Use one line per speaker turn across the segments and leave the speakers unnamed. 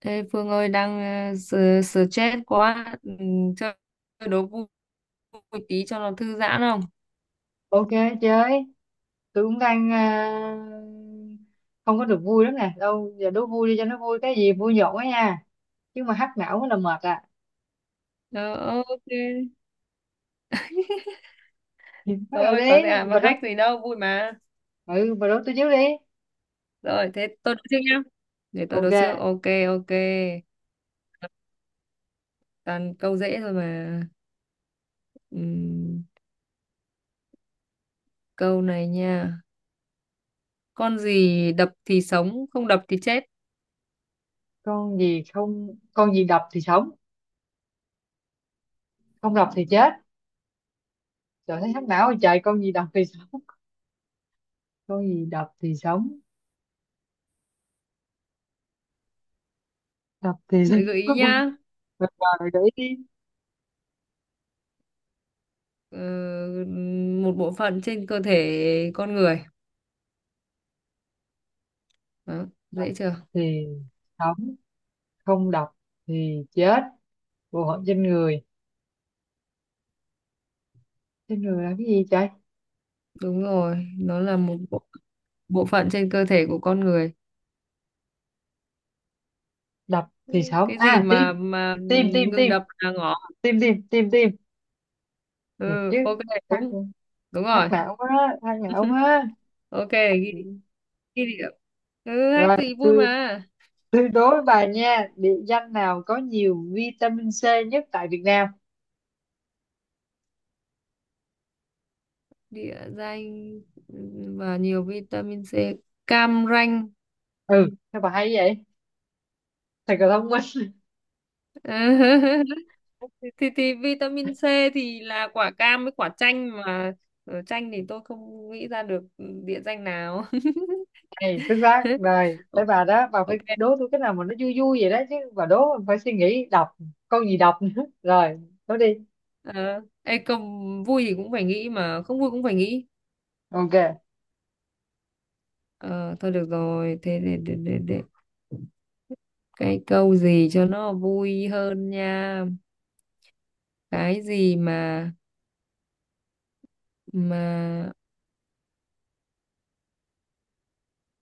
Ê, Phương ơi đang stress quá chơi đố vui vui tí cho nó thư giãn không.
Ok, chơi. Tôi cũng đang không có được vui lắm nè. Đâu giờ đố vui đi cho nó vui, cái gì vui nhộn á nha, chứ mà hack não là mệt à.
Ờ, ok,
Bắt đầu
thôi
đi.
có gì à mà
Bà đố,
hack gì đâu, vui mà.
ừ bà đố tôi trước đi.
Rồi thế tôi đố trước nhá, để tôi đố
Ok.
trước, ok ok, toàn câu dễ thôi mà. Ừm, Câu này nha, con gì đập thì sống không đập thì chết?
Con gì, không, con gì đập thì sống không đập thì chết? Trời, thấy hack não rồi trời. Con gì đập thì sống? Con gì đập thì sống? Đập thì sống.
Thế gợi ý nhá.
Rồi, rồi để ý đi.
Ờ, Một bộ phận trên cơ thể con người. Đó,
Đập
dễ chưa?
thì sống, không đập thì chết. Bộ phận trên người, trên người là cái gì trời?
Đúng rồi, nó là một bộ bộ phận trên cơ thể của con người.
Đập
Ừ,
thì sống,
cái gì
à tim.
mà
Tim tim
ngừng
tim.
đập là ngỏ.
Tim tim tim tim. Thiệt
Ừ,
chứ?
ok,
Hát,
đúng. Đúng
hát
rồi.
não quá, hát não quá.
Ok, ghi địa. Ừ, hack
Rồi
thì vui mà.
tôi đố bà nha, địa danh nào có nhiều vitamin C nhất tại Việt Nam?
Địa danh và nhiều vitamin C. Cam Ranh.
Ừ sao bà hay vậy, thật là thông minh.
Thì vitamin C thì là quả cam với quả chanh mà. Ờ, chanh thì tôi không nghĩ ra được địa danh nào.
Này xuất sắc. Rồi tới bà đó, bà phải
Ok.
đố tôi cái nào mà nó vui vui vậy đó, chứ bà đố mình phải suy nghĩ đọc, con gì đọc nữa. Rồi, đố đi.
Ờ, Công vui thì cũng phải nghĩ mà không vui cũng phải nghĩ.
Ok.
Ờ, thôi được rồi, thế để. Cái câu gì cho nó vui hơn nha. Cái gì mà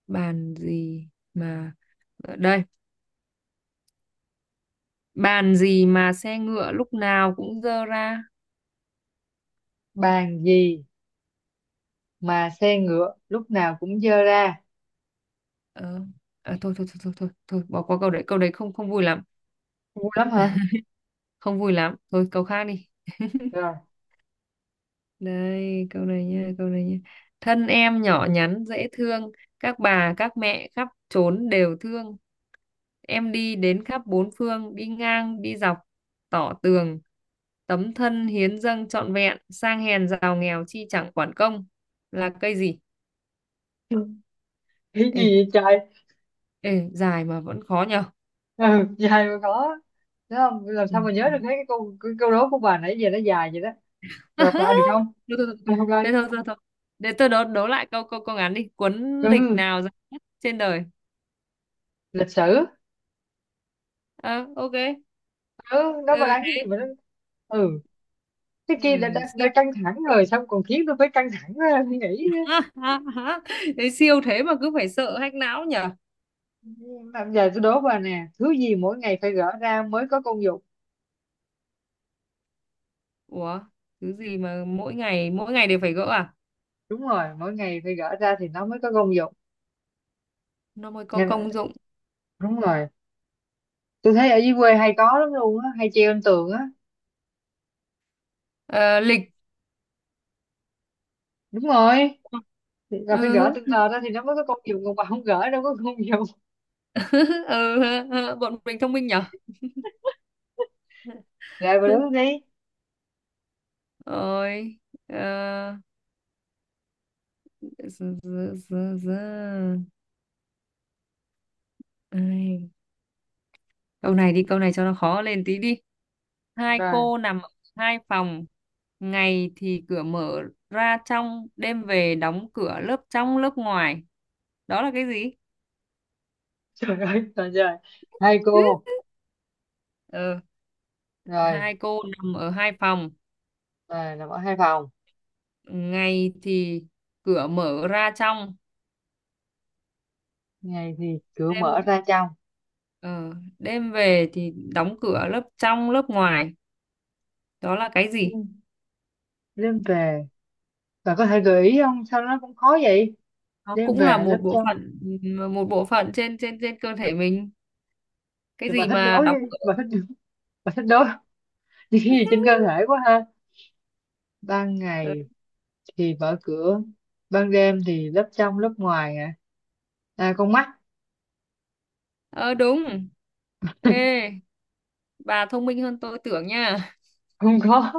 bàn gì mà ở đây, bàn gì mà xe ngựa lúc nào cũng dơ ra.
Bàn gì mà xe ngựa lúc nào cũng dơ ra?
Ờ, Thôi, thôi thôi thôi thôi thôi bỏ qua câu đấy không không vui lắm,
Ngu lắm hả?
không vui lắm. Thôi câu khác đi.
Rồi.
Đây, câu này nha, câu này nha. Thân em nhỏ nhắn dễ thương, các bà, các mẹ khắp trốn đều thương. Em đi đến khắp bốn phương, đi ngang, đi dọc, tỏ tường. Tấm thân hiến dâng trọn vẹn, sang hèn giàu nghèo chi chẳng quản công. Là cây gì?
Cái
Ê,
gì vậy trời?
ê, dài mà vẫn khó nhờ.
Ừ, dài mà có. Đúng không, làm
Ừ.
sao mà nhớ được? Thấy cái câu, cái câu đố của bà nãy giờ nó dài vậy đó. Lặp lại được
Thôi,
không?
thôi, thôi.
Đọc lại đi.
Thế thôi, thôi, thôi. Để tôi đố lại câu câu câu ngắn đi. Cuốn lịch
Ừ,
nào dài nhất trên đời?
lịch sử.
Ờ, ok.
Ừ nó mà
Ừ.
đang cái gì mà nó, ừ, cái
Ừ,
kia đã
siêu.
căng thẳng rồi, xong còn khiến tôi phải căng thẳng ra suy nghĩ nữa.
Đấy, siêu thế mà cứ phải sợ hack não nhở.
Làm giờ tôi đố bà nè, thứ gì mỗi ngày phải gỡ ra mới có công dụng?
Ủa, thứ gì mà mỗi ngày đều phải gỡ à?
Đúng rồi, mỗi ngày phải gỡ ra thì nó mới có công dụng.
Nó mới có
Nên-
công dụng.
đúng rồi, tôi thấy ở dưới quê hay có lắm luôn á, hay treo trên tường á.
Ờ, lịch.
Đúng rồi, thì là phải gỡ
Ừ.
từng tờ ra thì nó mới có công dụng, còn bà không gỡ đâu có công dụng.
Ừ. Bọn mình thông minh nhở.
Rồi bà đứng đi.
Rồi. ờ, z- z- z- z- Ai. Câu này đi, câu này cho nó khó lên tí đi. Hai
Rồi,
cô nằm ở hai phòng, ngày thì cửa mở ra trong, đêm về đóng cửa lớp trong lớp ngoài. Đó là cái gì?
trời ơi trời trời. Hai cô.
Ờ,
Rồi,
hai cô nằm ở hai phòng,
rồi nằm ở hai phòng,
ngày thì cửa mở ra trong,
ngày thì cửa mở
đêm
ra trong.
ờ, đêm về thì đóng cửa lớp trong lớp ngoài. Đó là cái
Ừ.
gì?
Đêm về, bà có thể gợi ý không, sao nó cũng khó vậy?
Nó
Đêm
cũng là
về lớp trong.
một bộ phận trên trên trên cơ thể mình. Cái
Thì bà
gì
thích
mà
đối
đóng
với- bà
cửa?
thích, bà thích đối những cái gì trên cơ thể quá ha. Ban ngày thì mở cửa, ban đêm thì lớp trong lớp ngoài, à, à con mắt.
Ờ, đúng. Ê, bà thông minh hơn tôi tưởng nha.
Không có.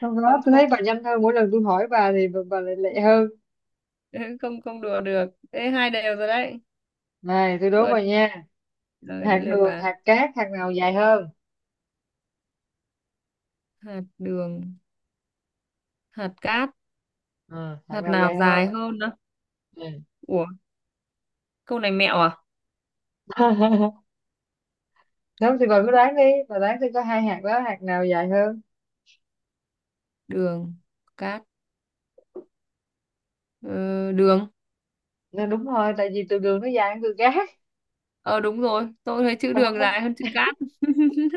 Sau đó
Không,
tôi
không.
thấy bà nhanh hơn, mỗi lần tôi hỏi bà thì bà lại lẹ hơn.
Không, không đùa được. Ê, hai đều rồi đấy.
Này tôi đố
Rồi,
bà nha.
rồi
Hạt
đến lượt
đường,
bà.
hạt cát, hạt nào dài hơn?
Hạt đường, hạt cát,
Ừ, hạt
hạt
nào
nào
dài hơn?
dài hơn đó?
Ừ.
Ủa, câu này mẹo à?
Đúng thì bà cứ đoán đi. Bà đoán tôi có hai hạt đó, hạt nào dài hơn?
Đường, cát. ờ, Đường.
Nên đúng thôi, tại vì từ đường nó dài hơn từ cát.
Ờ đúng rồi, tôi thấy chữ
Bà thông
đường
minh.
dài hơn chữ cát.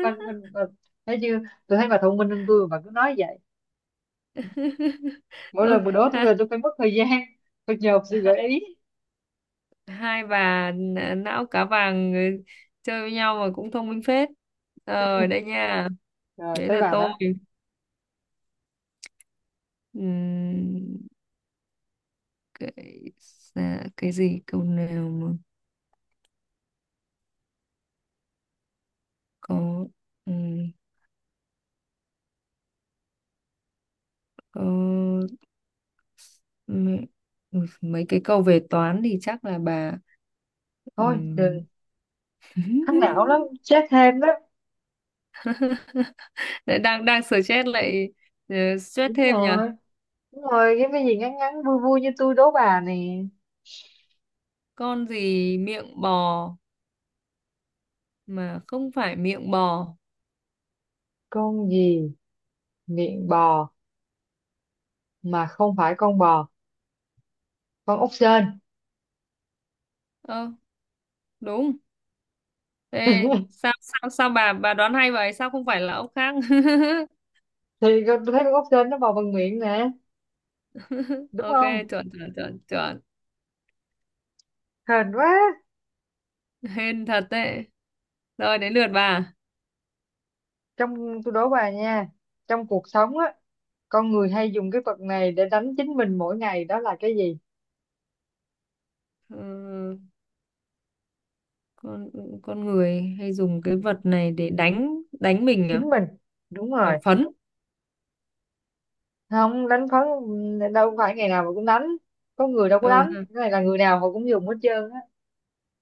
Bà, bà, bà, thấy chưa? Tôi thấy bà thông minh hơn tôi mà bà cứ nói vậy. Mỗi
Ôi,
lần bà đố tôi là
ha,
tôi phải mất thời gian. Phải nhờ sự gợi
hai,
ý.
hai bà não cá vàng chơi với nhau mà cũng thông minh phết. Rồi đây nha,
Rồi
đấy
tới
là
bà
tôi.
đó.
Ừm, cái dạ, cái gì câu nào mà có ừm, có mấy, mấy cái câu về toán thì chắc là bà.
Thôi
ừm,
đừng. Thắc não lắm. Chết thêm đó.
Lại đang đang stress lại, ờ, stress
Đúng
thêm nhỉ.
rồi. Đúng rồi, cái gì ngắn ngắn vui vui như tôi đố bà nè.
Con gì miệng bò mà không phải miệng bò?
Con gì miệng bò mà không phải con bò? Con ốc sên.
Ơ, đúng. Ê, sao sao sao bà đoán hay vậy, sao không phải là ốc khác?
Thì con tôi thấy con ốc sên nó bò bằng miệng nè, đúng
Ok,
không?
chuẩn chuẩn chuẩn chuẩn.
Hên quá.
Hên thật đấy. Rồi đến lượt bà.
Trong, tôi đố bà nha, trong cuộc sống á, con người hay dùng cái vật này để đánh chính mình mỗi ngày, đó là cái gì?
Ờ, con con người hay dùng cái vật này để đánh đánh mình
Chính
à?
mình. Đúng
À,
rồi.
phấn.
Không đánh phấn đâu, phải ngày nào mà cũng đánh. Có người đâu có
Ừ,
đánh.
ha.
Cái này là người nào họ cũng dùng hết trơn á.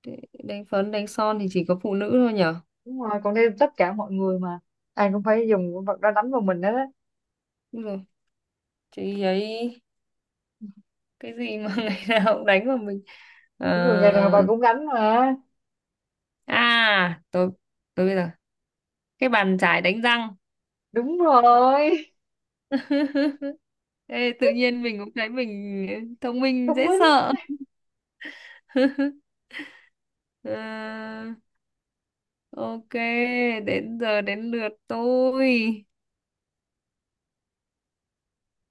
Để đánh phấn đánh son thì chỉ có phụ nữ thôi nhở.
Đúng rồi, còn đây tất cả mọi người mà, ai cũng phải dùng con vật đó đánh vào mình đó.
Đúng rồi, chị ấy. Cái gì mà ngày nào cũng đánh vào mình?
Đúng rồi, ngày nào
Ờ,
bà cũng đánh mà.
à, tôi bây giờ, cái bàn chải đánh răng.
Đúng rồi.
Ê, tự nhiên mình cũng thấy mình thông minh
Thông
dễ
minh.
sợ. Ờ, ok, đến giờ đến lượt tôi.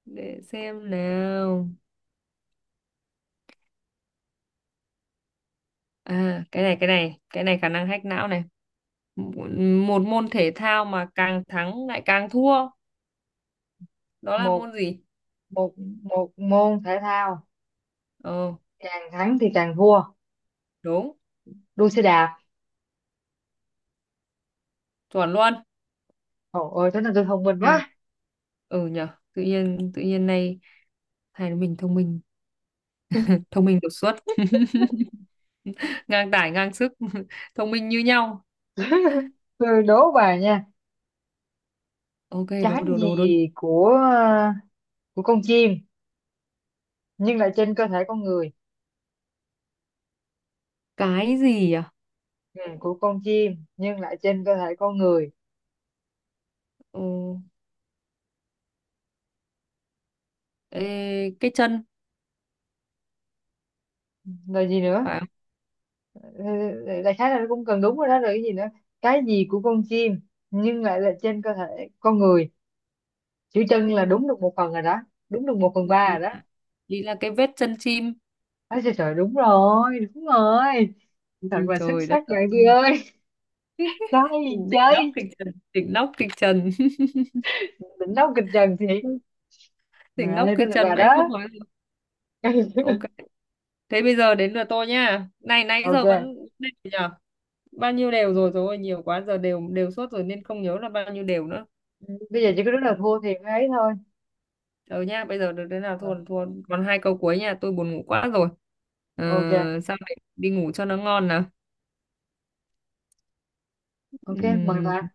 Để xem nào. À, cái này, cái này, cái này khả năng hack não này. Một Một môn thể thao mà càng thắng lại càng thua. Đó là
một
môn gì?
một một môn thể thao
Ờ,
càng thắng thì càng thua.
đúng,
Đua xe đạp.
chuẩn luôn.
Trời ơi, thế là tôi thông minh
Hay.
quá.
Ừ nhở, tự nhiên nay hai mình thông minh đột xuất. Ngang tải, ngang sức, thông minh như nhau.
Tôi đố bà nha,
Ok,
trái
đố.
gì của của con chim nhưng lại trên cơ thể con người?
Cái gì à?
Ừ, của con chim nhưng lại trên cơ thể con người,
Ờ, ê, cái chân,
là gì nữa?
phải
Ừ, đại khái là nó cũng cần, đúng rồi đó, rồi cái gì nữa? Cái gì của con chim nhưng lại là trên cơ thể con người? Chữ chân là
không?
đúng được một phần rồi đó. Đúng được một phần
Nhưng
ba rồi đó.
ý là cái vết chân chim.
Nói trời trời, đúng rồi đúng rồi. Thật
Ui,
là xuất
trời đất
sắc bạn chị
ơi.
ơi. Nói gì
Đỉnh nóc
chơi.
kịch trần, đỉnh nóc kịch trần.
Định nấu kịch trần thì.
Đỉnh nóc
Này
kịch
tên là
trần
bà
mà em
đó.
không nói được. Ok, thế bây giờ đến lượt tôi nha, này nãy
Ok.
giờ vẫn đều nhờ, bao nhiêu đều rồi, rồi nhiều quá giờ đều đều suốt rồi nên không nhớ là bao nhiêu đều nữa.
Bây giờ chỉ có đúng là thua thì mới ấy thôi.
Ờ nha, bây giờ được thế nào,
Rồi,
thua là thua, còn hai câu cuối nha, tôi buồn ngủ quá rồi. Ờ,
ok.
sao đấy đi ngủ cho nó ngon nào.
Ok mời
Ừm,
bà.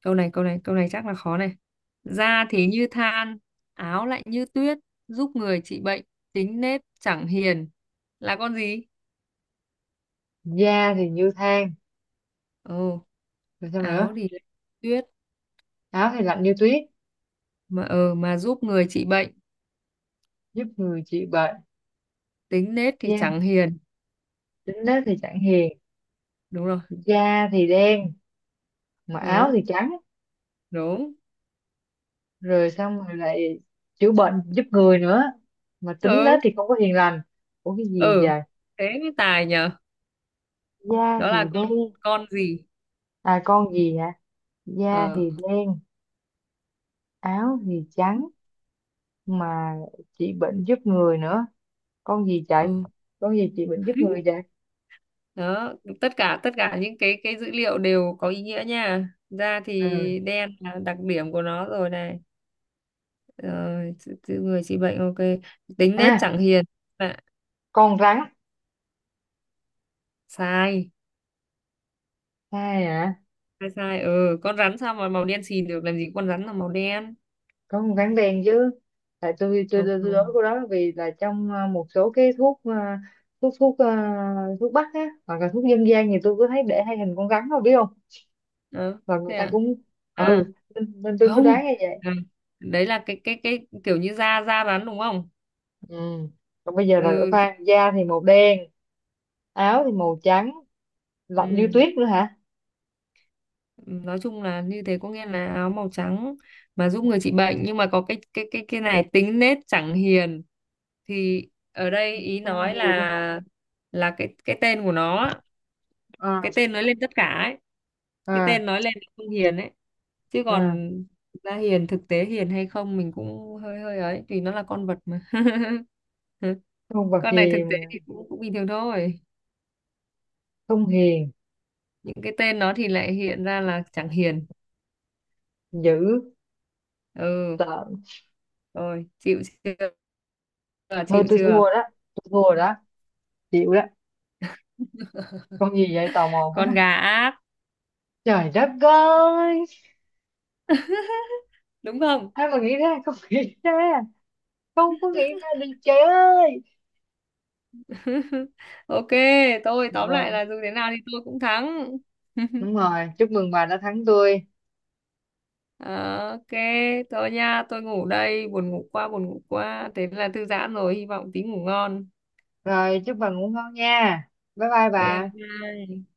câu này chắc là khó này. Da thì như than, áo lại như tuyết, giúp người trị bệnh, tính nết chẳng hiền, là con gì?
Da thì như than.
Ồ.
Rồi sao
Áo
nữa?
thì lại tuyết.
Áo thì lạnh như tuyết.
Ờ mà giúp người trị bệnh,
Giúp người trị bệnh.
tính nết thì
Da,
chẳng hiền.
tính nết thì chẳng hiền.
Đúng rồi.
Da thì đen mà áo
Đúng,
thì trắng.
đúng.
Rồi xong rồi lại chữa bệnh giúp người nữa, mà tính đó
Ừ.
thì không có hiền lành. Ủa cái gì
Ừ,
vậy?
thế mới tài nhở.
Da
Đó
thì
là
đen.
con gì?
À, con gì hả? Da
Ờ.
thì đen, áo thì trắng, mà trị bệnh giúp người nữa. Con gì chạy?
Ừ.
Con gì trị bệnh giúp người vậy?
Đó, tất cả những cái dữ liệu đều có ý nghĩa nha, da
À,
thì đen là đặc điểm của nó rồi này. Ờ, tự người trị bệnh, ok, tính nết
à
chẳng hiền. Dạ,
con rắn.
sai.
Ai hả?
Sai, sai. Ừ, con rắn sao mà màu đen xì được, làm gì có con rắn là màu đen.
Có một tháng đen chứ. Tại tôi tôi
Không,
tôi tôi nói
không.
cô đó vì là trong một số cái thuốc, thuốc thuốc bắc á, hoặc là thuốc dân gian thì tôi có thấy để hai hình con rắn, đâu biết không?
Đó.
Và người
Thế
ta
à?
cũng,
À,
ừ, nên tôi mới
không.
đoán như vậy.
À, đấy là cái kiểu như da da rắn, đúng không?
Ừ, còn bây giờ là đổi
Ừ.
pha, da thì màu đen, áo thì màu trắng, lạnh như
Ừ.
tuyết nữa hả?
Nói chung là như thế, có nghĩa là áo màu trắng mà giúp người trị bệnh, nhưng mà có cái này tính nết chẳng hiền, thì ở đây ý
Con
nói
gì đó?
là cái tên của nó á,
À,
cái tên nói lên tất cả ấy, cái
à,
tên nói lên là không hiền ấy. Chứ
à.
còn thực ra hiền, thực tế hiền hay không mình cũng hơi hơi ấy, vì nó là con vật mà.
Con vật
Con này thực
gì
tế
mà
thì cũng cũng bình thường thôi,
không hiền?
những cái tên nó thì lại hiện ra là chẳng hiền.
Dữ
Ừ.
tợn.
Rồi chịu chưa? Chưa,
Thôi
chịu
tôi
chưa?
thua đó, tôi thua đó, chịu đó. Con gì vậy, tò mò quá?
Con gà ác,
Trời đất ơi,
đúng không?
ai mà nghĩ ra, không nghĩ ra, không có nghĩ ra được trời ơi.
Ok, tôi tóm lại
Rồi,
là dù thế nào thì tôi cũng thắng.
đúng rồi, chúc mừng bà đã thắng tôi.
Ờ, ok, thôi nha, tôi ngủ đây, buồn ngủ quá, buồn ngủ quá. Thế là thư giãn rồi, hy vọng tí ngủ ngon.
Rồi, chúc bà ngủ ngon nha. Bye bye
Ok, bye
bà.
bye.